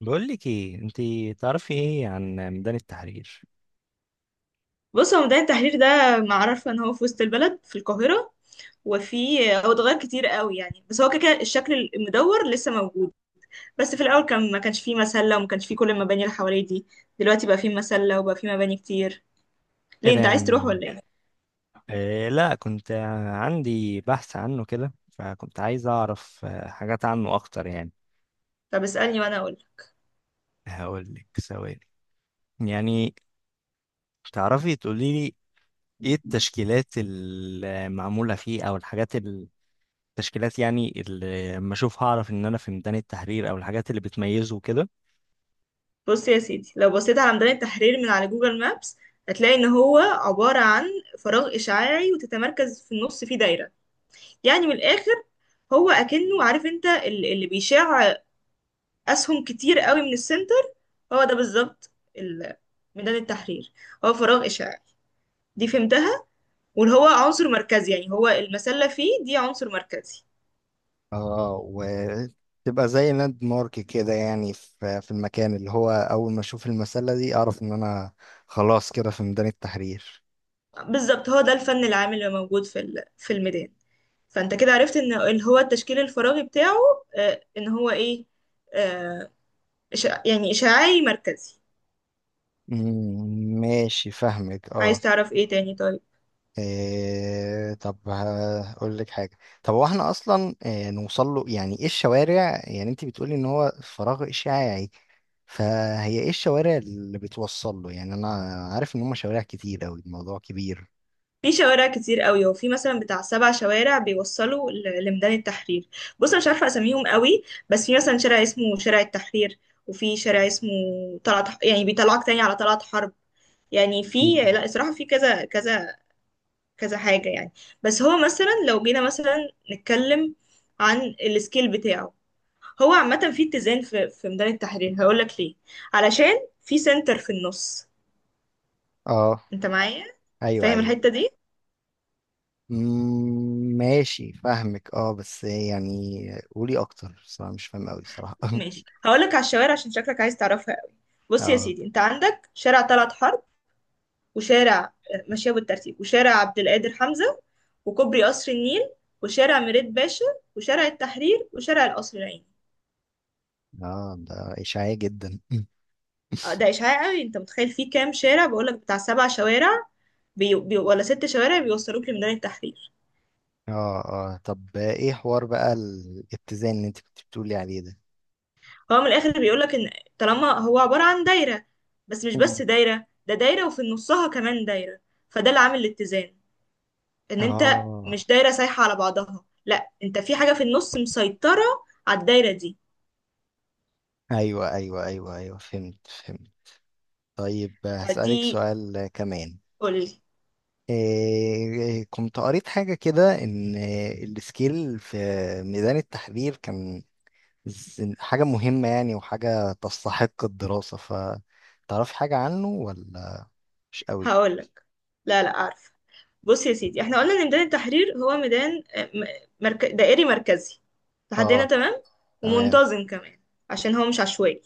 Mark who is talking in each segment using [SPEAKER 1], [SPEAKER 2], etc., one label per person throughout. [SPEAKER 1] بقول لك ايه انت؟ تعرفي ايه عن ميدان التحرير؟
[SPEAKER 2] بص، هو ميدان التحرير ده معروف ان هو في وسط البلد في القاهرة. وفي هو اتغير كتير قوي يعني، بس هو كده كده الشكل المدور لسه موجود. بس في الاول كان ما كانش فيه مسلة وما كانش فيه كل المباني اللي حواليه دي. دلوقتي بقى فيه مسلة وبقى فيه مباني كتير.
[SPEAKER 1] ايه
[SPEAKER 2] ليه،
[SPEAKER 1] ده
[SPEAKER 2] انت عايز تروح ولا ايه؟
[SPEAKER 1] لا، كنت عندي بحث عنه كده، فكنت عايز اعرف حاجات عنه اكتر يعني.
[SPEAKER 2] طب اسألني وانا اقول.
[SPEAKER 1] هقول لك ثواني. يعني تعرفي تقولي لي ايه التشكيلات المعمولة فيه او الحاجات التشكيلات يعني اللي لما اشوفها اعرف ان انا في ميدان التحرير، او الحاجات اللي بتميزه كده.
[SPEAKER 2] بص يا سيدي، لو بصيت على ميدان التحرير من على جوجل مابس، هتلاقي ان هو عبارة عن فراغ اشعاعي، وتتمركز في النص فيه دايرة. يعني من الاخر، هو اكنه عارف انت اللي بيشع اسهم كتير قوي من السنتر. هو ده بالظبط ال- ميدان التحرير. هو فراغ إشعاعي، دي فهمتها. واللي هو عنصر مركزي، يعني هو المسلة فيه دي عنصر مركزي.
[SPEAKER 1] اه، وتبقى زي لاند مارك كده يعني في المكان، اللي هو اول ما اشوف المسلة دي اعرف ان انا خلاص كده في ميدان التحرير.
[SPEAKER 2] بالظبط، هو ده الفن العام اللي موجود في الميدان. فانت كده عرفت ان اللي هو التشكيل الفراغي بتاعه، ان هو ايه، آه، يعني إشعاعي مركزي.
[SPEAKER 1] مم، ماشي فاهمك
[SPEAKER 2] عايز
[SPEAKER 1] اه.
[SPEAKER 2] تعرف ايه تاني طيب؟
[SPEAKER 1] إيه، طب هقول لك حاجة. طب هو احنا اصلا إيه نوصل له؟ يعني ايه الشوارع؟ يعني انت بتقولي ان هو فراغ اشعاعي، فهي ايه الشوارع اللي بتوصل له؟ يعني انا عارف ان هم شوارع كتير اوي، الموضوع كبير.
[SPEAKER 2] في شوارع كتير قوي. هو في مثلا بتاع سبع شوارع بيوصلوا لميدان التحرير. بص انا مش عارفه اساميهم قوي، بس في مثلا شارع اسمه شارع التحرير، وفي شارع اسمه يعني بيطلعك تاني على طلعت حرب. يعني في،
[SPEAKER 1] مم.
[SPEAKER 2] لا الصراحه، في كذا كذا كذا حاجه يعني. بس هو مثلا، لو جينا مثلا نتكلم عن السكيل بتاعه، هو عامه في اتزان في ميدان التحرير. هقول لك ليه: علشان في سنتر في النص.
[SPEAKER 1] اه.
[SPEAKER 2] انت معايا،
[SPEAKER 1] ايوه
[SPEAKER 2] فاهم
[SPEAKER 1] ايوه.
[SPEAKER 2] الحته دي؟
[SPEAKER 1] مم، ماشي فاهمك اه، بس يعني قولي اكتر صراحة، مش فاهم قوي صراحة.
[SPEAKER 2] ماشي، هقولك على الشوارع عشان شكلك عايز تعرفها قوي. بص يا
[SPEAKER 1] اه.
[SPEAKER 2] سيدي، انت عندك شارع طلعت حرب، وشارع، ماشية بالترتيب، وشارع عبد القادر حمزة، وكوبري قصر النيل، وشارع مريد باشا، وشارع التحرير، وشارع القصر العيني.
[SPEAKER 1] اه ده اشاعية جدا.
[SPEAKER 2] ده إشعاع قوي. انت متخيل فيه كام شارع؟ بقولك بتاع سبع شوارع ولا ست شوارع بيوصلوك لميدان التحرير.
[SPEAKER 1] اه. اه، طب ايه حوار بقى الاتزان اللي انت كنت بتقولي عليه ده؟
[SPEAKER 2] هو من الآخر بيقولك ان، طالما هو عبارة عن دايرة، بس مش بس
[SPEAKER 1] مم.
[SPEAKER 2] دايرة، ده دايرة وفي نصها كمان دايرة، فده اللي عامل الاتزان. ان انت
[SPEAKER 1] اه.
[SPEAKER 2] مش دايره سايحه على بعضها، لا، انت في حاجه في النص مسيطره على الدايره دي.
[SPEAKER 1] ايوه ايوه ايوه ايوه، فهمت فهمت. طيب هسألك
[SPEAKER 2] فدي،
[SPEAKER 1] سؤال كمان.
[SPEAKER 2] قولي.
[SPEAKER 1] إيه، كنت قريت حاجة كده، إن السكيل في ميدان التحرير كان حاجة مهمة يعني، وحاجة تستحق الدراسة، فتعرفي حاجة عنه ولا مش قوي؟
[SPEAKER 2] هقولك. لا لا، عارفه. بص يا سيدي، احنا قلنا ان ميدان التحرير هو ميدان، دائري مركزي. لحد هنا
[SPEAKER 1] اه.
[SPEAKER 2] تمام.
[SPEAKER 1] تمام.
[SPEAKER 2] ومنتظم كمان، عشان هو مش عشوائي.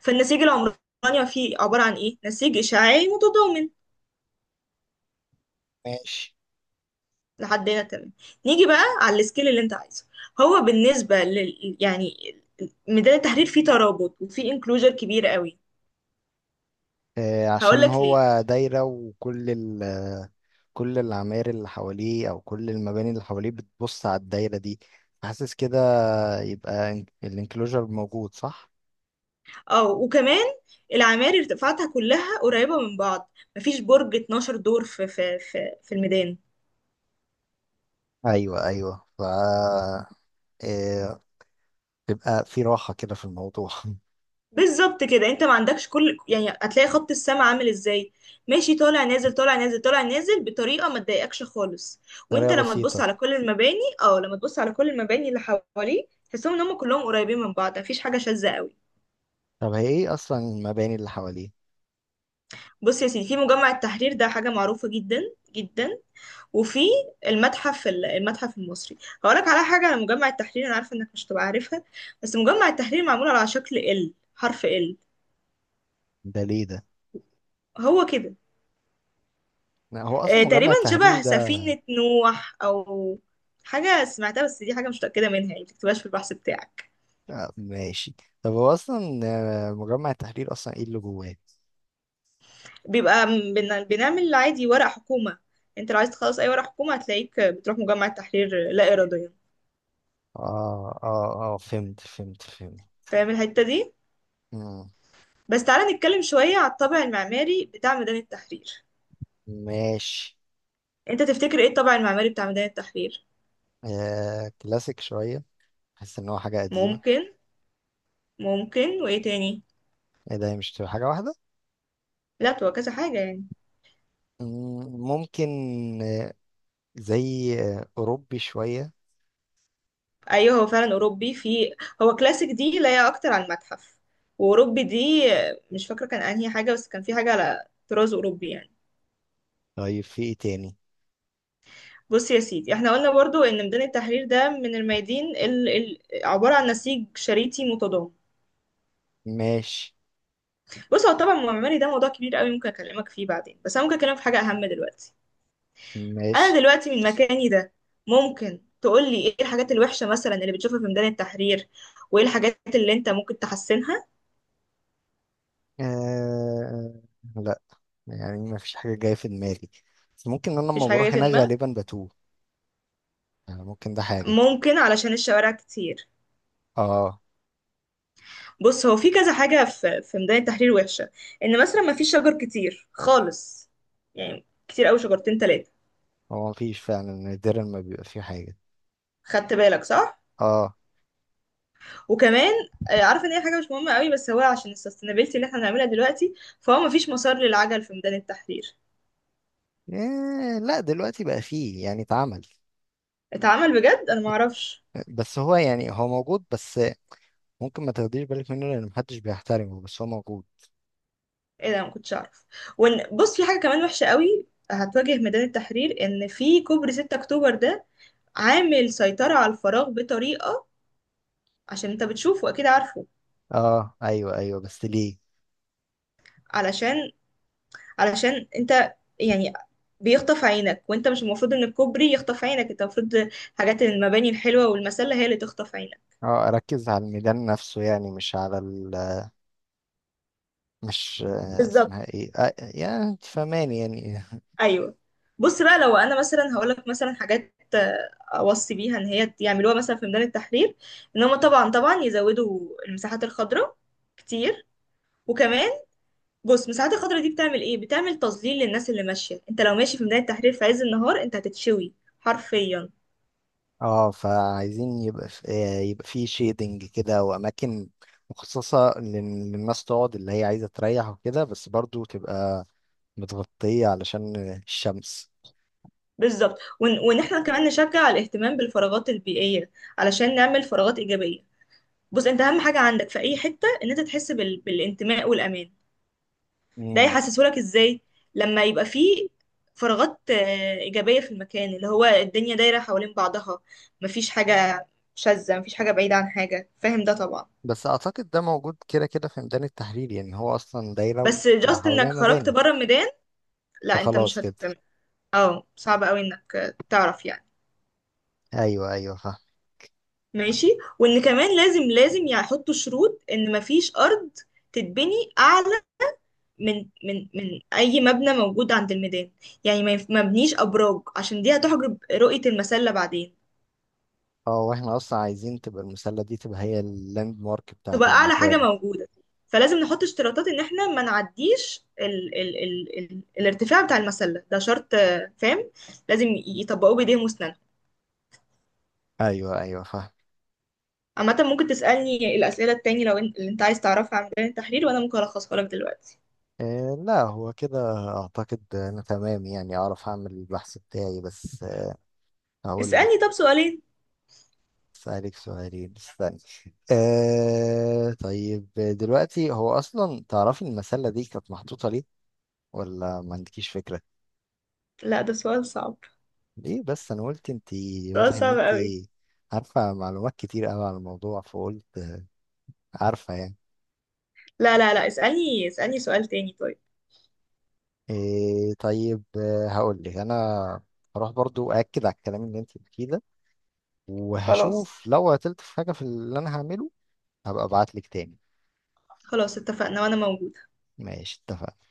[SPEAKER 2] فالنسيج العمراني فيه عباره عن ايه؟ نسيج اشعاعي متضامن.
[SPEAKER 1] ماشي.
[SPEAKER 2] لحد هنا تمام. نيجي بقى على السكيل اللي انت عايزه. هو بالنسبه لل، يعني، ميدان التحرير فيه ترابط وفيه انكلوجر كبير قوي.
[SPEAKER 1] آه،
[SPEAKER 2] هقول
[SPEAKER 1] عشان
[SPEAKER 2] لك ليه.
[SPEAKER 1] هو دايرة، وكل كل العماير اللي حواليه، أو كل المباني اللي حواليه بتبص على الدايرة دي، حاسس كده؟ يبقى الانكلوجر موجود صح؟
[SPEAKER 2] اه، وكمان العماير ارتفاعاتها كلها قريبة من بعض. مفيش برج 12 دور في الميدان.
[SPEAKER 1] أيوه أيوه، ف آه، تبقى في راحة كده في الموضوع.
[SPEAKER 2] بالظبط كده، انت ما عندكش كل، يعني هتلاقي خط السماء عامل ازاي؟ ماشي، طالع نازل، طالع نازل، طالع نازل، بطريقة ما تضايقكش خالص.
[SPEAKER 1] طريقة
[SPEAKER 2] وانت لما تبص
[SPEAKER 1] بسيطة.
[SPEAKER 2] على كل المباني، اه، لما تبص على كل المباني اللي حواليه، تحسهم ان هم كلهم قريبين من بعض، مفيش حاجة شاذة قوي.
[SPEAKER 1] طب هي إيه أصلا المباني اللي حواليه؟
[SPEAKER 2] بص يا سيدي، في مجمع التحرير، ده حاجة معروفة جدا جدا. وفي المتحف المتحف المصري. هقولك على حاجة على مجمع التحرير، أنا عارفة إنك مش هتبقى عارفها. بس مجمع التحرير معمول على شكل ال حرف ال.
[SPEAKER 1] ده ليه ده؟
[SPEAKER 2] هو كده.
[SPEAKER 1] هو اصلا مجمع
[SPEAKER 2] تقريبا
[SPEAKER 1] التحرير
[SPEAKER 2] شبه
[SPEAKER 1] ده؟
[SPEAKER 2] سفينة نوح، أو حاجة سمعتها، بس دي حاجة مش متأكدة منها يعني، متكتبهاش في البحث بتاعك.
[SPEAKER 1] آه، ماشي. طب هو اصلا، مجمع التحرير اصلا ايه اللي جواه؟
[SPEAKER 2] بيبقى بنعمل عادي ورق حكومة. انت لو عايز تخلص أي ورق حكومة، هتلاقيك بتروح مجمع التحرير لا إراديا.
[SPEAKER 1] اه اه اه، فهمت فهمت فهمت.
[SPEAKER 2] فاهم الحتة دي؟
[SPEAKER 1] مم.
[SPEAKER 2] بس تعالى نتكلم شوية على الطابع المعماري بتاع ميدان التحرير.
[SPEAKER 1] ماشي.
[SPEAKER 2] انت تفتكر ايه الطابع المعماري بتاع ميدان التحرير؟
[SPEAKER 1] آه، كلاسيك شوية، بحس ان هو حاجة قديمة.
[SPEAKER 2] ممكن. ممكن، وايه تاني؟
[SPEAKER 1] ايه ده، هي مش تبقى حاجة واحدة؟
[SPEAKER 2] لا هو كذا حاجة يعني.
[SPEAKER 1] مم، ممكن. آه، زي اوروبي شوية.
[SPEAKER 2] ايوه، هو فعلا اوروبي. في، هو كلاسيك دي لا، هي اكتر عن المتحف. واوروبي دي، مش فاكرة كان انهي حاجة، بس كان في حاجة على طراز اوروبي يعني.
[SPEAKER 1] طيب في ايه تاني؟
[SPEAKER 2] بص يا سيدي، احنا قلنا برضو ان ميدان التحرير ده من الميادين عبارة عن نسيج شريطي متضام.
[SPEAKER 1] ماشي.
[SPEAKER 2] بص، هو طبعا معماري ده موضوع كبير قوي، ممكن اكلمك فيه بعدين، بس انا ممكن اكلمك في حاجة اهم دلوقتي.
[SPEAKER 1] ماشي.
[SPEAKER 2] انا دلوقتي من مكاني ده، ممكن تقولي ايه الحاجات الوحشة مثلا اللي بتشوفها في ميدان التحرير، وايه الحاجات اللي انت ممكن تحسنها؟
[SPEAKER 1] آه لا، يعني ما فيش حاجة جاية في دماغي، بس ممكن انا لما
[SPEAKER 2] مفيش حاجة جاية
[SPEAKER 1] بروح
[SPEAKER 2] في
[SPEAKER 1] هناك
[SPEAKER 2] دماغك؟
[SPEAKER 1] غالبا بتوه. آه، ممكن ده حاجة.
[SPEAKER 2] ممكن علشان الشوارع كتير.
[SPEAKER 1] اه،
[SPEAKER 2] بص، هو في كذا حاجة في ميدان التحرير وحشة. ان مثلا مفيش شجر كتير خالص، يعني كتير قوي شجرتين تلاتة.
[SPEAKER 1] هو مفيش فعلا، نادرا ما بيبقى فيه حاجة.
[SPEAKER 2] خدت بالك؟ صح.
[SPEAKER 1] اه.
[SPEAKER 2] وكمان، عارفه ان هي حاجه مش مهمه قوي، بس هو عشان السستينابيلتي اللي احنا بنعملها دلوقتي، فهو مفيش مسار للعجل في ميدان التحرير.
[SPEAKER 1] إيه لا، دلوقتي بقى فيه يعني، اتعمل.
[SPEAKER 2] اتعمل بجد؟ انا معرفش.
[SPEAKER 1] بس هو يعني هو موجود، بس ممكن ما تاخديش بالك منه لان محدش بيحترمه، بس هو موجود.
[SPEAKER 2] ايه ده، ما كنتش اعرف. بص، في حاجه كمان وحشه قوي هتواجه ميدان التحرير، ان في كوبري 6 اكتوبر ده عامل سيطره على الفراغ بطريقه. عشان انت بتشوفه، اكيد عارفه.
[SPEAKER 1] اه ايوه ايوه، بس ليه؟
[SPEAKER 2] علشان، علشان انت، يعني بيخطف عينك، وانت مش المفروض ان الكوبري يخطف عينك. انت المفروض حاجات المباني الحلوه والمسله هي اللي تخطف عينك.
[SPEAKER 1] اه، اركز على الميدان نفسه يعني، مش على مش
[SPEAKER 2] بالظبط.
[SPEAKER 1] اسمها ايه، آه يعني انت فاهماني يعني.
[SPEAKER 2] ايوه. بص بقى، لو انا مثلا هقول لك مثلا حاجات، اوصي بيها ان هي يعملوها مثلا في ميدان التحرير: ان هم طبعا طبعا يزودوا المساحات الخضراء كتير. وكمان، بص المساحات الخضراء دي بتعمل ايه؟ بتعمل تظليل للناس اللي ماشيه. انت لو ماشي في ميدان التحرير في عز النهار، انت هتتشوي حرفيا.
[SPEAKER 1] اه، فعايزين يبقى في يبقى فيه شيدنج كده، واماكن مخصصة للناس تقعد، اللي هي عايزة تريح وكده، بس برضو تبقى متغطية علشان الشمس.
[SPEAKER 2] بالظبط. وان، وإن احنا كمان نشجع الاهتمام بالفراغات البيئيه، علشان نعمل فراغات ايجابيه. بص، انت اهم حاجه عندك في اي حته ان انت تحس بالانتماء والامان. ده
[SPEAKER 1] مم.
[SPEAKER 2] يحسسهولك ازاي؟ لما يبقى فيه فراغات، إيجابية في المكان، اللي هو الدنيا دايرة حوالين بعضها، مفيش حاجة شاذة، مفيش حاجة بعيدة عن حاجة. فاهم ده طبعا.
[SPEAKER 1] بس أعتقد ده موجود كده كده في ميدان التحرير، يعني هو أصلا دايرة
[SPEAKER 2] بس جاست
[SPEAKER 1] حواليها
[SPEAKER 2] انك خرجت
[SPEAKER 1] مباني،
[SPEAKER 2] بره الميدان، لا انت مش
[SPEAKER 1] فخلاص كده.
[SPEAKER 2] هت. اه صعب قوي انك، تعرف يعني.
[SPEAKER 1] أيوه أيوه، فاهم.
[SPEAKER 2] ماشي. وان كمان، لازم لازم يحطوا شروط ان مفيش ارض تتبني اعلى من اي مبنى موجود عند الميدان. يعني ما بنيش ابراج، عشان دي هتحجب رؤية المسلة بعدين.
[SPEAKER 1] اه، واحنا أصلا عايزين تبقى المسلة دي تبقى هي اللاند مارك بتاعت
[SPEAKER 2] تبقى اعلى حاجه
[SPEAKER 1] المكان.
[SPEAKER 2] موجوده. فلازم نحط اشتراطات ان احنا ما نعديش ال الارتفاع بتاع المسله. ده شرط، فاهم، لازم يطبقوه بايديهم واسنانهم.
[SPEAKER 1] أيوه أيوه، فاهم.
[SPEAKER 2] عامه ممكن تسالني الاسئله التاني لو انت، اللي انت عايز تعرفها عن ميدان التحرير، وانا ممكن الخصها لك دلوقتي.
[SPEAKER 1] إيه لا، هو كده. أعتقد أنا تمام يعني، أعرف أعمل البحث بتاعي، بس هقول لك.
[SPEAKER 2] اسالني طب سؤالين.
[SPEAKER 1] أسألك سؤالين، استني. آه طيب، دلوقتي هو أصلا تعرفي المسلة دي كانت محطوطة ليه؟ ولا ما عندكيش فكرة؟
[SPEAKER 2] لا، ده سؤال صعب.
[SPEAKER 1] ليه بس، انا قلت انت
[SPEAKER 2] سؤال
[SPEAKER 1] واضح ان
[SPEAKER 2] صعب
[SPEAKER 1] انت
[SPEAKER 2] قوي.
[SPEAKER 1] عارفة معلومات كتير قوي على الموضوع، فقلت عارفة يعني.
[SPEAKER 2] لا لا لا، اسالني، اسالني سؤال تاني طيب.
[SPEAKER 1] إيه طيب، هقول لك انا هروح برضو أأكد على الكلام اللي انت بتقوليه ده،
[SPEAKER 2] خلاص.
[SPEAKER 1] وهشوف لو عطلت في حاجة في اللي انا هعمله، هبقى ابعت لك تاني.
[SPEAKER 2] خلاص اتفقنا، وانا موجوده.
[SPEAKER 1] ماشي، اتفقنا.